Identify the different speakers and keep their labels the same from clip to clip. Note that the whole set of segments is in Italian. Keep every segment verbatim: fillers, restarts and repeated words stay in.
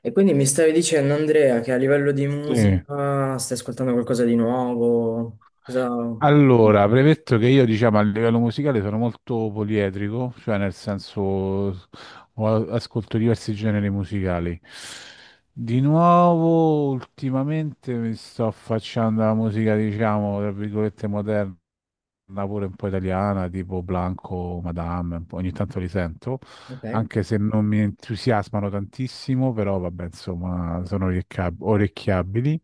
Speaker 1: E quindi mi stavi dicendo, Andrea, che a livello di
Speaker 2: Sì.
Speaker 1: musica stai ascoltando qualcosa di nuovo? Cosa, cosa dici?
Speaker 2: Allora, premetto che io, diciamo, a livello musicale sono molto poliedrico, cioè nel senso ho- ascolto diversi generi musicali. Di nuovo, ultimamente mi sto affacciando alla musica, diciamo, tra virgolette moderna, pure un po' italiana, tipo Blanco, Madame, un po', ogni tanto li sento.
Speaker 1: Ok.
Speaker 2: Anche se non mi entusiasmano tantissimo, però vabbè, insomma, sono orecchia- orecchiabili.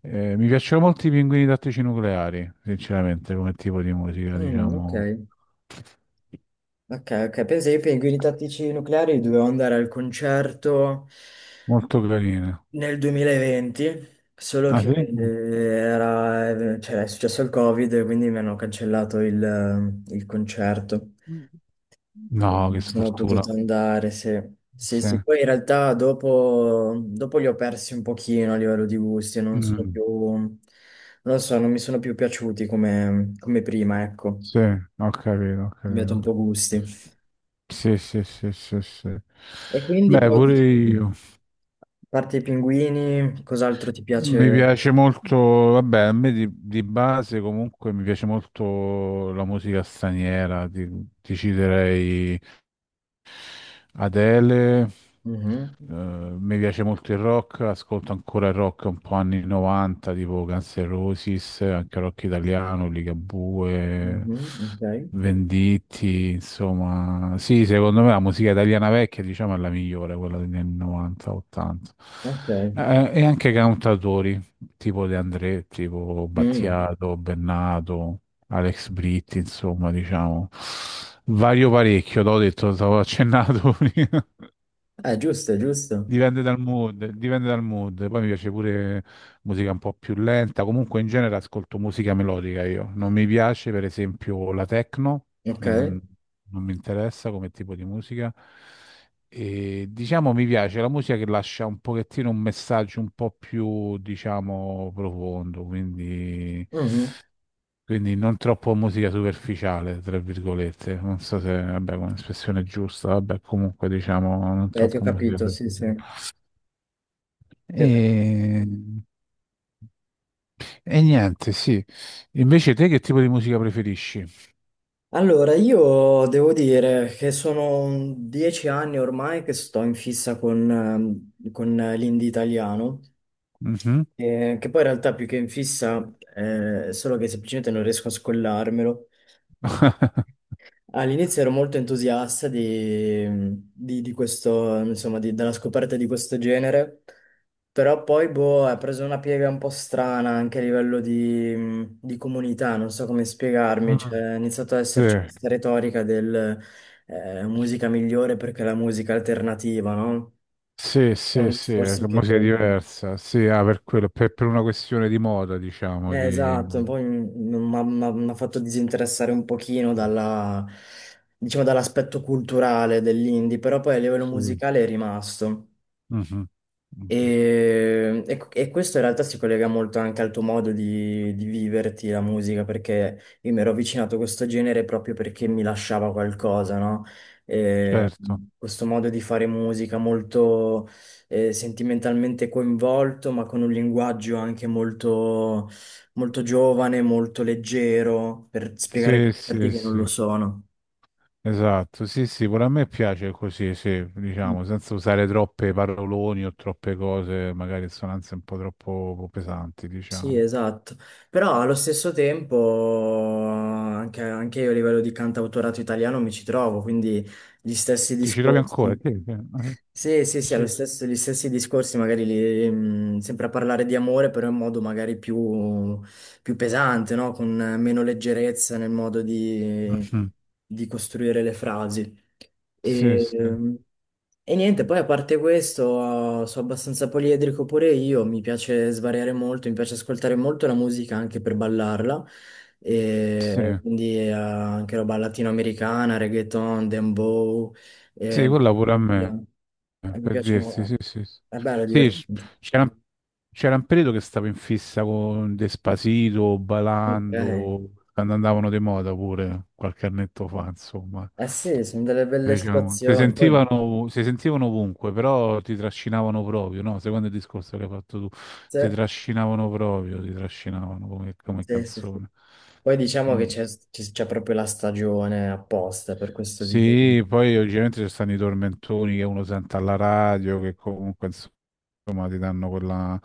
Speaker 2: Eh, mi piacciono molto i pinguini tattici nucleari, sinceramente, come tipo di musica,
Speaker 1: Mm, ok,
Speaker 2: diciamo,
Speaker 1: ok, ok. Pensa io per i Guerrieri Tattici Nucleari dovevo andare al concerto
Speaker 2: molto carina.
Speaker 1: nel duemilaventi, solo
Speaker 2: Ah,
Speaker 1: che
Speaker 2: sì?
Speaker 1: eh, era, eh, cioè, è successo il Covid, quindi mi hanno cancellato il, il concerto.
Speaker 2: No, che
Speaker 1: Sono
Speaker 2: sfortuna.
Speaker 1: potuto andare, sì. Sì,
Speaker 2: Sì.
Speaker 1: sì, poi in realtà dopo, dopo li ho persi un pochino a livello di gusti, e non sono
Speaker 2: Mm,
Speaker 1: più, non lo so, non mi sono più piaciuti come, come prima, ecco, ho
Speaker 2: sì, ho capito, ho
Speaker 1: cambiato un
Speaker 2: capito.
Speaker 1: po' gusti.
Speaker 2: Sì, sì, sì, sì, sì.
Speaker 1: E quindi
Speaker 2: Beh,
Speaker 1: poi,
Speaker 2: pure
Speaker 1: di-
Speaker 2: io.
Speaker 1: a parte i pinguini, cos'altro ti
Speaker 2: Mi
Speaker 1: piace?
Speaker 2: piace molto, vabbè, a me di, di base comunque mi piace molto la musica straniera, ti, ti citerei Adele,
Speaker 1: Mhm,
Speaker 2: eh, mi piace molto il rock, ascolto ancora il rock un po' anni novanta, tipo Guns N' Roses, anche rock italiano, Ligabue,
Speaker 1: mhm, ok,
Speaker 2: Venditti, insomma. Sì, secondo me la musica italiana vecchia, diciamo, è la migliore, quella degli anni novanta, ottanta.
Speaker 1: ok.
Speaker 2: Eh, e anche cantautori, tipo De André, tipo
Speaker 1: Mm.
Speaker 2: Battiato, Bennato. Alex Britti, insomma, diciamo, vario parecchio, l'ho detto, stavo accennato prima.
Speaker 1: Eh, giusto, giusto.
Speaker 2: Dipende dal mood, dipende dal mood. Poi mi piace pure musica un po' più lenta. Comunque in genere ascolto musica melodica io. Non mi piace, per esempio, la techno,
Speaker 1: Ok.
Speaker 2: non, non mi interessa come tipo di musica. E diciamo mi piace la musica che lascia un pochettino un messaggio un po' più, diciamo, profondo, quindi
Speaker 1: Mhm.
Speaker 2: quindi non troppo musica superficiale, tra virgolette. Non so se, vabbè, è un'espressione giusta, vabbè, comunque diciamo non
Speaker 1: Beh, ti ho
Speaker 2: troppo musica
Speaker 1: capito, sì, sì.
Speaker 2: superficiale.
Speaker 1: Ti ho capito.
Speaker 2: E, e niente, sì. Invece te che tipo di musica preferisci?
Speaker 1: Allora, io devo dire che sono dieci anni ormai che sto in fissa con, ehm, con l'indie italiano,
Speaker 2: Mhm.
Speaker 1: eh, che poi in realtà più che in fissa, eh, è solo che semplicemente non riesco a scollarmelo. All'inizio ero molto entusiasta di, di- di questo, insomma, di- della scoperta di questo genere, però poi boh, ha preso una piega un po' strana anche a livello di, di comunità, non so come spiegarmi,
Speaker 2: Mm,
Speaker 1: cioè, è iniziato ad esserci questa retorica del eh, musica migliore perché è la musica alternativa, no?
Speaker 2: sì,
Speaker 1: È
Speaker 2: sì, sì,
Speaker 1: un
Speaker 2: sì,
Speaker 1: discorso
Speaker 2: che
Speaker 1: che
Speaker 2: musica
Speaker 1: boh.
Speaker 2: diversa. Sì, ah, per quello, per, per una questione di moda, diciamo,
Speaker 1: Eh,
Speaker 2: di...
Speaker 1: Esatto, poi mi ha fatto disinteressare un pochino dalla- diciamo, dall'aspetto culturale dell'indie, però poi a livello
Speaker 2: Sì.
Speaker 1: musicale è rimasto.
Speaker 2: Mhm, mhm.
Speaker 1: E, e- e questo in realtà si collega molto anche al tuo modo di, di viverti la musica, perché io mi ero avvicinato a questo genere proprio perché mi lasciava qualcosa, no? E
Speaker 2: Certo.
Speaker 1: questo modo di fare musica molto eh, sentimentalmente coinvolto, ma con un linguaggio anche molto, molto giovane, molto leggero, per spiegare
Speaker 2: Sì,
Speaker 1: concetti
Speaker 2: sì,
Speaker 1: che non lo
Speaker 2: sì.
Speaker 1: sono.
Speaker 2: Esatto, sì, sì, pure a me piace così, sì,
Speaker 1: Mm.
Speaker 2: diciamo, senza usare troppe paroloni o troppe cose, magari sonanze un po' troppo pesanti,
Speaker 1: Sì,
Speaker 2: diciamo.
Speaker 1: esatto, però allo stesso tempo anche, anche, io a livello di cantautorato italiano mi ci trovo, quindi gli stessi
Speaker 2: Ti ci trovi ancora?
Speaker 1: discorsi. Sì, sì,
Speaker 2: Sì,
Speaker 1: sì,
Speaker 2: sì,
Speaker 1: allo
Speaker 2: eh, sì, sì.
Speaker 1: stesso, gli stessi discorsi, magari li- mh, sempre a parlare di amore, però in modo magari più, più pesante, no? Con meno leggerezza nel modo di
Speaker 2: Mhm.
Speaker 1: di costruire le frasi.
Speaker 2: Sì,
Speaker 1: E,
Speaker 2: sì,
Speaker 1: e niente, poi a parte questo, sono abbastanza poliedrico pure io, mi piace svariare molto, mi piace ascoltare molto la musica anche per ballarla,
Speaker 2: sì,
Speaker 1: e quindi eh, anche roba latinoamericana, reggaeton, dembow,
Speaker 2: sì,
Speaker 1: e
Speaker 2: quella pure a
Speaker 1: cumbia.
Speaker 2: me,
Speaker 1: Eh, mi
Speaker 2: per
Speaker 1: piace
Speaker 2: dirsi,
Speaker 1: molto,
Speaker 2: sì, sì.
Speaker 1: è bello, è
Speaker 2: Sì, sì, c-
Speaker 1: divertente.
Speaker 2: c'era un c'era un periodo che stavo in fissa con Despacito,
Speaker 1: Ok.
Speaker 2: Balando, quando andavano di moda pure, qualche annetto fa, insomma.
Speaker 1: Eh sì, sono delle
Speaker 2: Mi
Speaker 1: belle
Speaker 2: piacevano molto. Si
Speaker 1: situazioni, poi,
Speaker 2: sentivano, si sentivano ovunque, però ti trascinavano proprio, no? Secondo il discorso che hai fatto tu,
Speaker 1: sì,
Speaker 2: ti trascinavano proprio, ti trascinavano come, come
Speaker 1: sì, sì, sì.
Speaker 2: canzone.
Speaker 1: Poi diciamo che
Speaker 2: Mm.
Speaker 1: c'è c'è proprio la stagione apposta per questo tipo di.
Speaker 2: Sì, poi ovviamente ci stanno i tormentoni che uno sente alla radio, che comunque insomma, ti danno quella...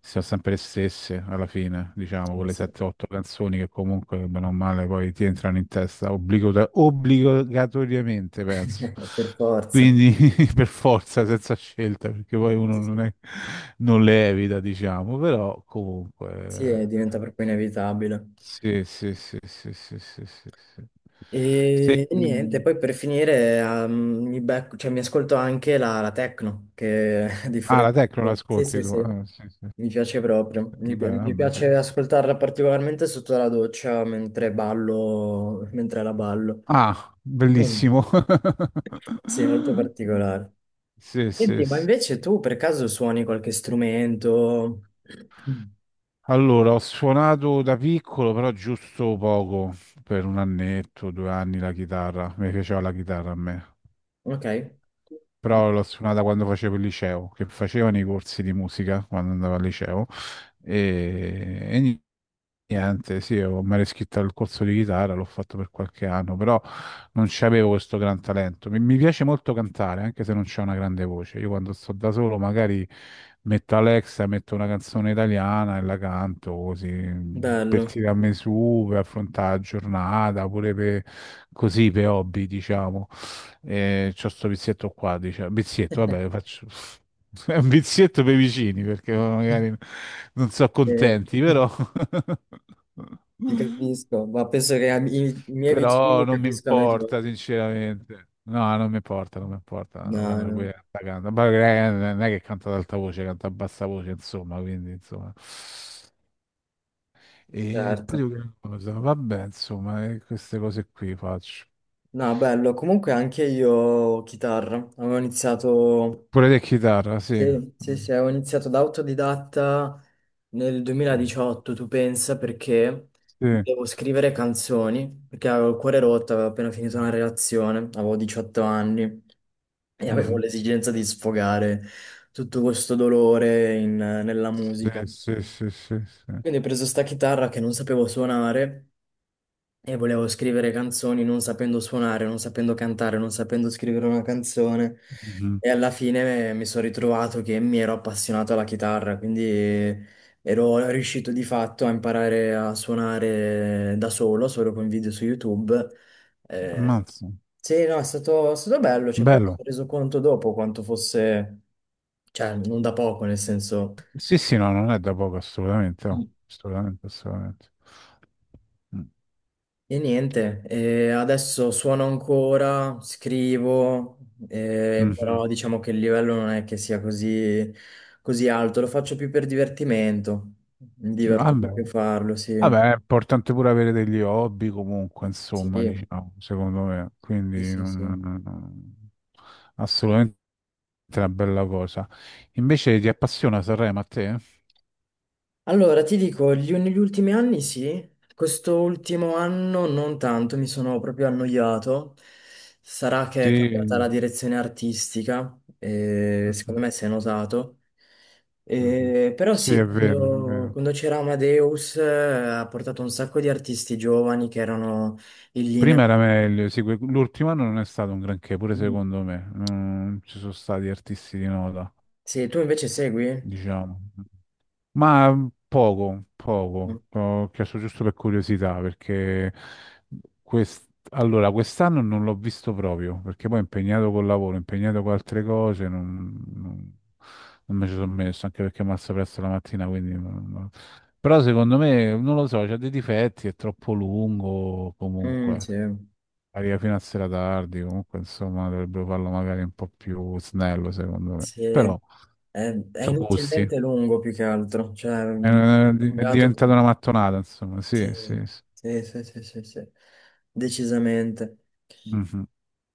Speaker 2: Sono sempre le stesse alla fine, diciamo,
Speaker 1: Eh
Speaker 2: quelle
Speaker 1: sì.
Speaker 2: sette otto canzoni che comunque, bene o male, poi ti entrano in testa obbligata- obbligatoriamente, penso.
Speaker 1: Per forza.
Speaker 2: Quindi per forza, senza scelta, perché poi uno
Speaker 1: Sì,
Speaker 2: non
Speaker 1: sì.
Speaker 2: è, non le evita, diciamo, però
Speaker 1: Sì, eh,
Speaker 2: comunque...
Speaker 1: diventa proprio inevitabile.
Speaker 2: Sì, sì, sì, sì, sì, sì, sì, sì. Se-
Speaker 1: E, e niente,
Speaker 2: mm,
Speaker 1: poi per finire ehm, mi, becco- cioè, mi ascolto anche la, la techno, che è
Speaker 2: ah, la
Speaker 1: differente.
Speaker 2: Tecno
Speaker 1: Sì,
Speaker 2: l'ascolti
Speaker 1: sì,
Speaker 2: tu?
Speaker 1: sì,
Speaker 2: Ah, sì, sì, sì.
Speaker 1: mi piace proprio. Mi, pi-
Speaker 2: Beh,
Speaker 1: mi
Speaker 2: vabbè, sì.
Speaker 1: piace ascoltarla particolarmente sotto la doccia mentre ballo, mentre la ballo.
Speaker 2: Ah,
Speaker 1: Mm.
Speaker 2: bellissimo.
Speaker 1: Sì, molto particolare.
Speaker 2: Sì, sì,
Speaker 1: Senti, ma
Speaker 2: sì.
Speaker 1: invece tu per caso suoni qualche strumento?
Speaker 2: Allora, ho suonato da piccolo, però giusto poco, per un annetto, due anni la chitarra. Mi piaceva la chitarra a me.
Speaker 1: Ok.
Speaker 2: Però l'ho suonata quando facevo il liceo, che facevano i corsi di musica quando andavo al liceo e, e ni- niente, sì, ho- mi ero iscritto al corso di chitarra, l'ho fatto per qualche anno, però non c'avevo questo gran talento. Mi, mi piace molto cantare, anche se non c'è una grande voce. Io quando sto da solo magari metto Alexa, metto una canzone italiana e la canto così,
Speaker 1: Bello,
Speaker 2: petti da me su per affrontare la giornata, pure per, così per hobby, diciamo. E c'ho sto vizietto qua, dice, vizietto, vabbè, faccio è un vizietto per i vicini perché magari non sono
Speaker 1: eh,
Speaker 2: contenti, però
Speaker 1: ti capisco, ma penso che am- i, i miei
Speaker 2: però
Speaker 1: vicini
Speaker 2: non mi
Speaker 1: capiscano i tuoi.
Speaker 2: importa, sinceramente. No, non mi importa, non mi importa
Speaker 1: No,
Speaker 2: quando ci
Speaker 1: no,
Speaker 2: puoi cantare. Ma eh, non è che canta ad alta voce, canta a bassa voce, insomma, quindi insomma. E poi
Speaker 1: certo.
Speaker 2: dico, che cosa? Vabbè, insomma, eh, queste cose qui faccio.
Speaker 1: No, bello, comunque anche io chitarra, avevo iniziato.
Speaker 2: Pure te chitarra, sì.
Speaker 1: Sì, sì,
Speaker 2: Mm,
Speaker 1: sì, ho iniziato da autodidatta nel
Speaker 2: mm,
Speaker 1: duemiladiciotto, tu pensa, perché
Speaker 2: sì.
Speaker 1: devo scrivere canzoni, perché avevo il cuore rotto, avevo appena finito una relazione, avevo diciotto anni e avevo
Speaker 2: Mhm.
Speaker 1: l'esigenza di sfogare tutto questo dolore in- nella
Speaker 2: Sì,
Speaker 1: musica.
Speaker 2: sì, sì, sì, sì.
Speaker 1: Quindi ho preso sta chitarra che non sapevo suonare e volevo scrivere canzoni non sapendo suonare, non sapendo cantare, non sapendo scrivere una canzone.
Speaker 2: Mhm.
Speaker 1: E alla fine mi sono ritrovato che mi ero appassionato alla chitarra, quindi ero riuscito di fatto a imparare a suonare da solo, solo con video su YouTube. Eh,
Speaker 2: Ammazza.
Speaker 1: sì, no, è stato, è stato, bello. Cioè, poi mi
Speaker 2: Bello.
Speaker 1: sono reso conto dopo quanto fosse, cioè, non da poco, nel senso.
Speaker 2: Sì, sì, no, non è da poco, assolutamente. Oh. Assolutamente, assolutamente. Mm.
Speaker 1: E niente, eh, adesso suono ancora, scrivo, eh,
Speaker 2: Mhm.
Speaker 1: però diciamo che il livello non è che sia così, così alto, lo faccio più per divertimento, mi diverto
Speaker 2: Vabbè.
Speaker 1: proprio a farlo, sì.
Speaker 2: Vabbè, è importante pure avere degli hobby comunque,
Speaker 1: Sì,
Speaker 2: insomma, diciamo, secondo me.
Speaker 1: sì,
Speaker 2: Quindi
Speaker 1: sì,
Speaker 2: non-
Speaker 1: sì.
Speaker 2: non- non- assolutamente una bella cosa. Invece ti appassiona Sanremo a te?
Speaker 1: Allora, ti dico, gli, negli ultimi anni sì, quest'ultimo anno non tanto, mi sono proprio annoiato. Sarà che è cambiata la
Speaker 2: Sì.
Speaker 1: direzione artistica, e secondo
Speaker 2: Mhm,
Speaker 1: me si è notato.
Speaker 2: mhm.
Speaker 1: E- però
Speaker 2: Sì,
Speaker 1: sì,
Speaker 2: è vero, è
Speaker 1: quando,
Speaker 2: vero.
Speaker 1: quando c'era Amadeus eh, ha portato un sacco di artisti giovani che erano in linea.
Speaker 2: Prima era meglio, sì, que- l'ultimo anno non è stato un granché, pure
Speaker 1: Mm,
Speaker 2: secondo me. Non ci sono stati artisti di nota
Speaker 1: Sì, tu invece segui?
Speaker 2: diciamo. Ma mm, poco, poco. Ho chiesto giusto per curiosità, perché quest- allora, quest'anno non l'ho visto proprio, perché poi impegnato col lavoro, impegnato con altre cose, non, non- non me ci sono messo, anche perché mi alzo presto la mattina, quindi... non- non- Però secondo me, non lo so, c'ha dei difetti, è troppo lungo
Speaker 1: Mm,
Speaker 2: comunque.
Speaker 1: sì.
Speaker 2: Arriva fino a sera tardi, comunque insomma dovrebbero farlo magari un po' più snello, secondo me.
Speaker 1: Sì,
Speaker 2: Però,
Speaker 1: è, è
Speaker 2: sono gusti.
Speaker 1: inutilmente lungo più che altro, cioè
Speaker 2: È, una-
Speaker 1: è
Speaker 2: è
Speaker 1: cambiato,
Speaker 2: diventata una mattonata, insomma,
Speaker 1: sì,
Speaker 2: sì, sì, sì.
Speaker 1: sì, sì, sì, sì, sì, decisamente.
Speaker 2: Mhm.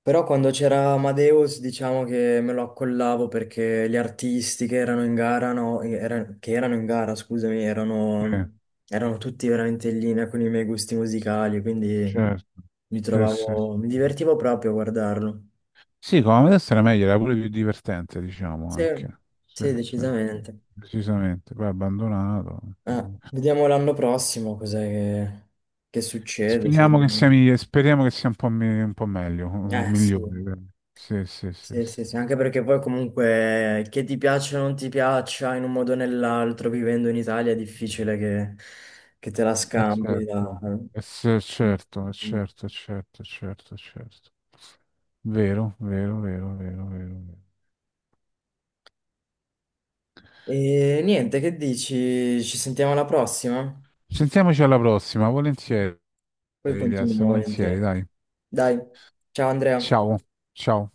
Speaker 1: Però quando c'era Amadeus diciamo che me lo accollavo perché gli artisti che erano in gara, no, era- che erano in gara, scusami,
Speaker 2: Sì,
Speaker 1: erano, erano, tutti veramente in linea con i miei gusti musicali, quindi
Speaker 2: certo.
Speaker 1: mi
Speaker 2: Sì, sì,
Speaker 1: trovavo, mi
Speaker 2: sì.
Speaker 1: divertivo proprio a guardarlo.
Speaker 2: Sì, come adesso era meglio, era pure più divertente, diciamo,
Speaker 1: Sì,
Speaker 2: anche. Sì,
Speaker 1: sì,
Speaker 2: sì.
Speaker 1: decisamente.
Speaker 2: Decisamente. Poi abbandonato,
Speaker 1: Eh,
Speaker 2: quindi.
Speaker 1: vediamo l'anno prossimo cos'è che, che succede. Se
Speaker 2: Speriamo che sia,
Speaker 1: rimane-
Speaker 2: migli- speriamo che sia un po', mi- un po' meglio, un-
Speaker 1: Eh sì.
Speaker 2: migliore. Dai. Sì, sì, sì,
Speaker 1: Sì,
Speaker 2: sì.
Speaker 1: sì, sì, anche perché poi comunque che ti piaccia o non ti piaccia in un modo o nell'altro, vivendo in Italia è difficile che, che, te la
Speaker 2: Eh,
Speaker 1: scampi. da-
Speaker 2: certo, eh, sì, certo, eh, certo, eh, certo, eh, certo, eh, certo. Vero, vero, vero, vero, vero, vero.
Speaker 1: E niente, che dici? Ci sentiamo alla prossima?
Speaker 2: Sentiamoci alla prossima, volentieri.
Speaker 1: Poi
Speaker 2: Elias,
Speaker 1: continuiamo
Speaker 2: volentieri,
Speaker 1: volentieri.
Speaker 2: dai.
Speaker 1: Dai, ciao Andrea.
Speaker 2: Ciao, ciao.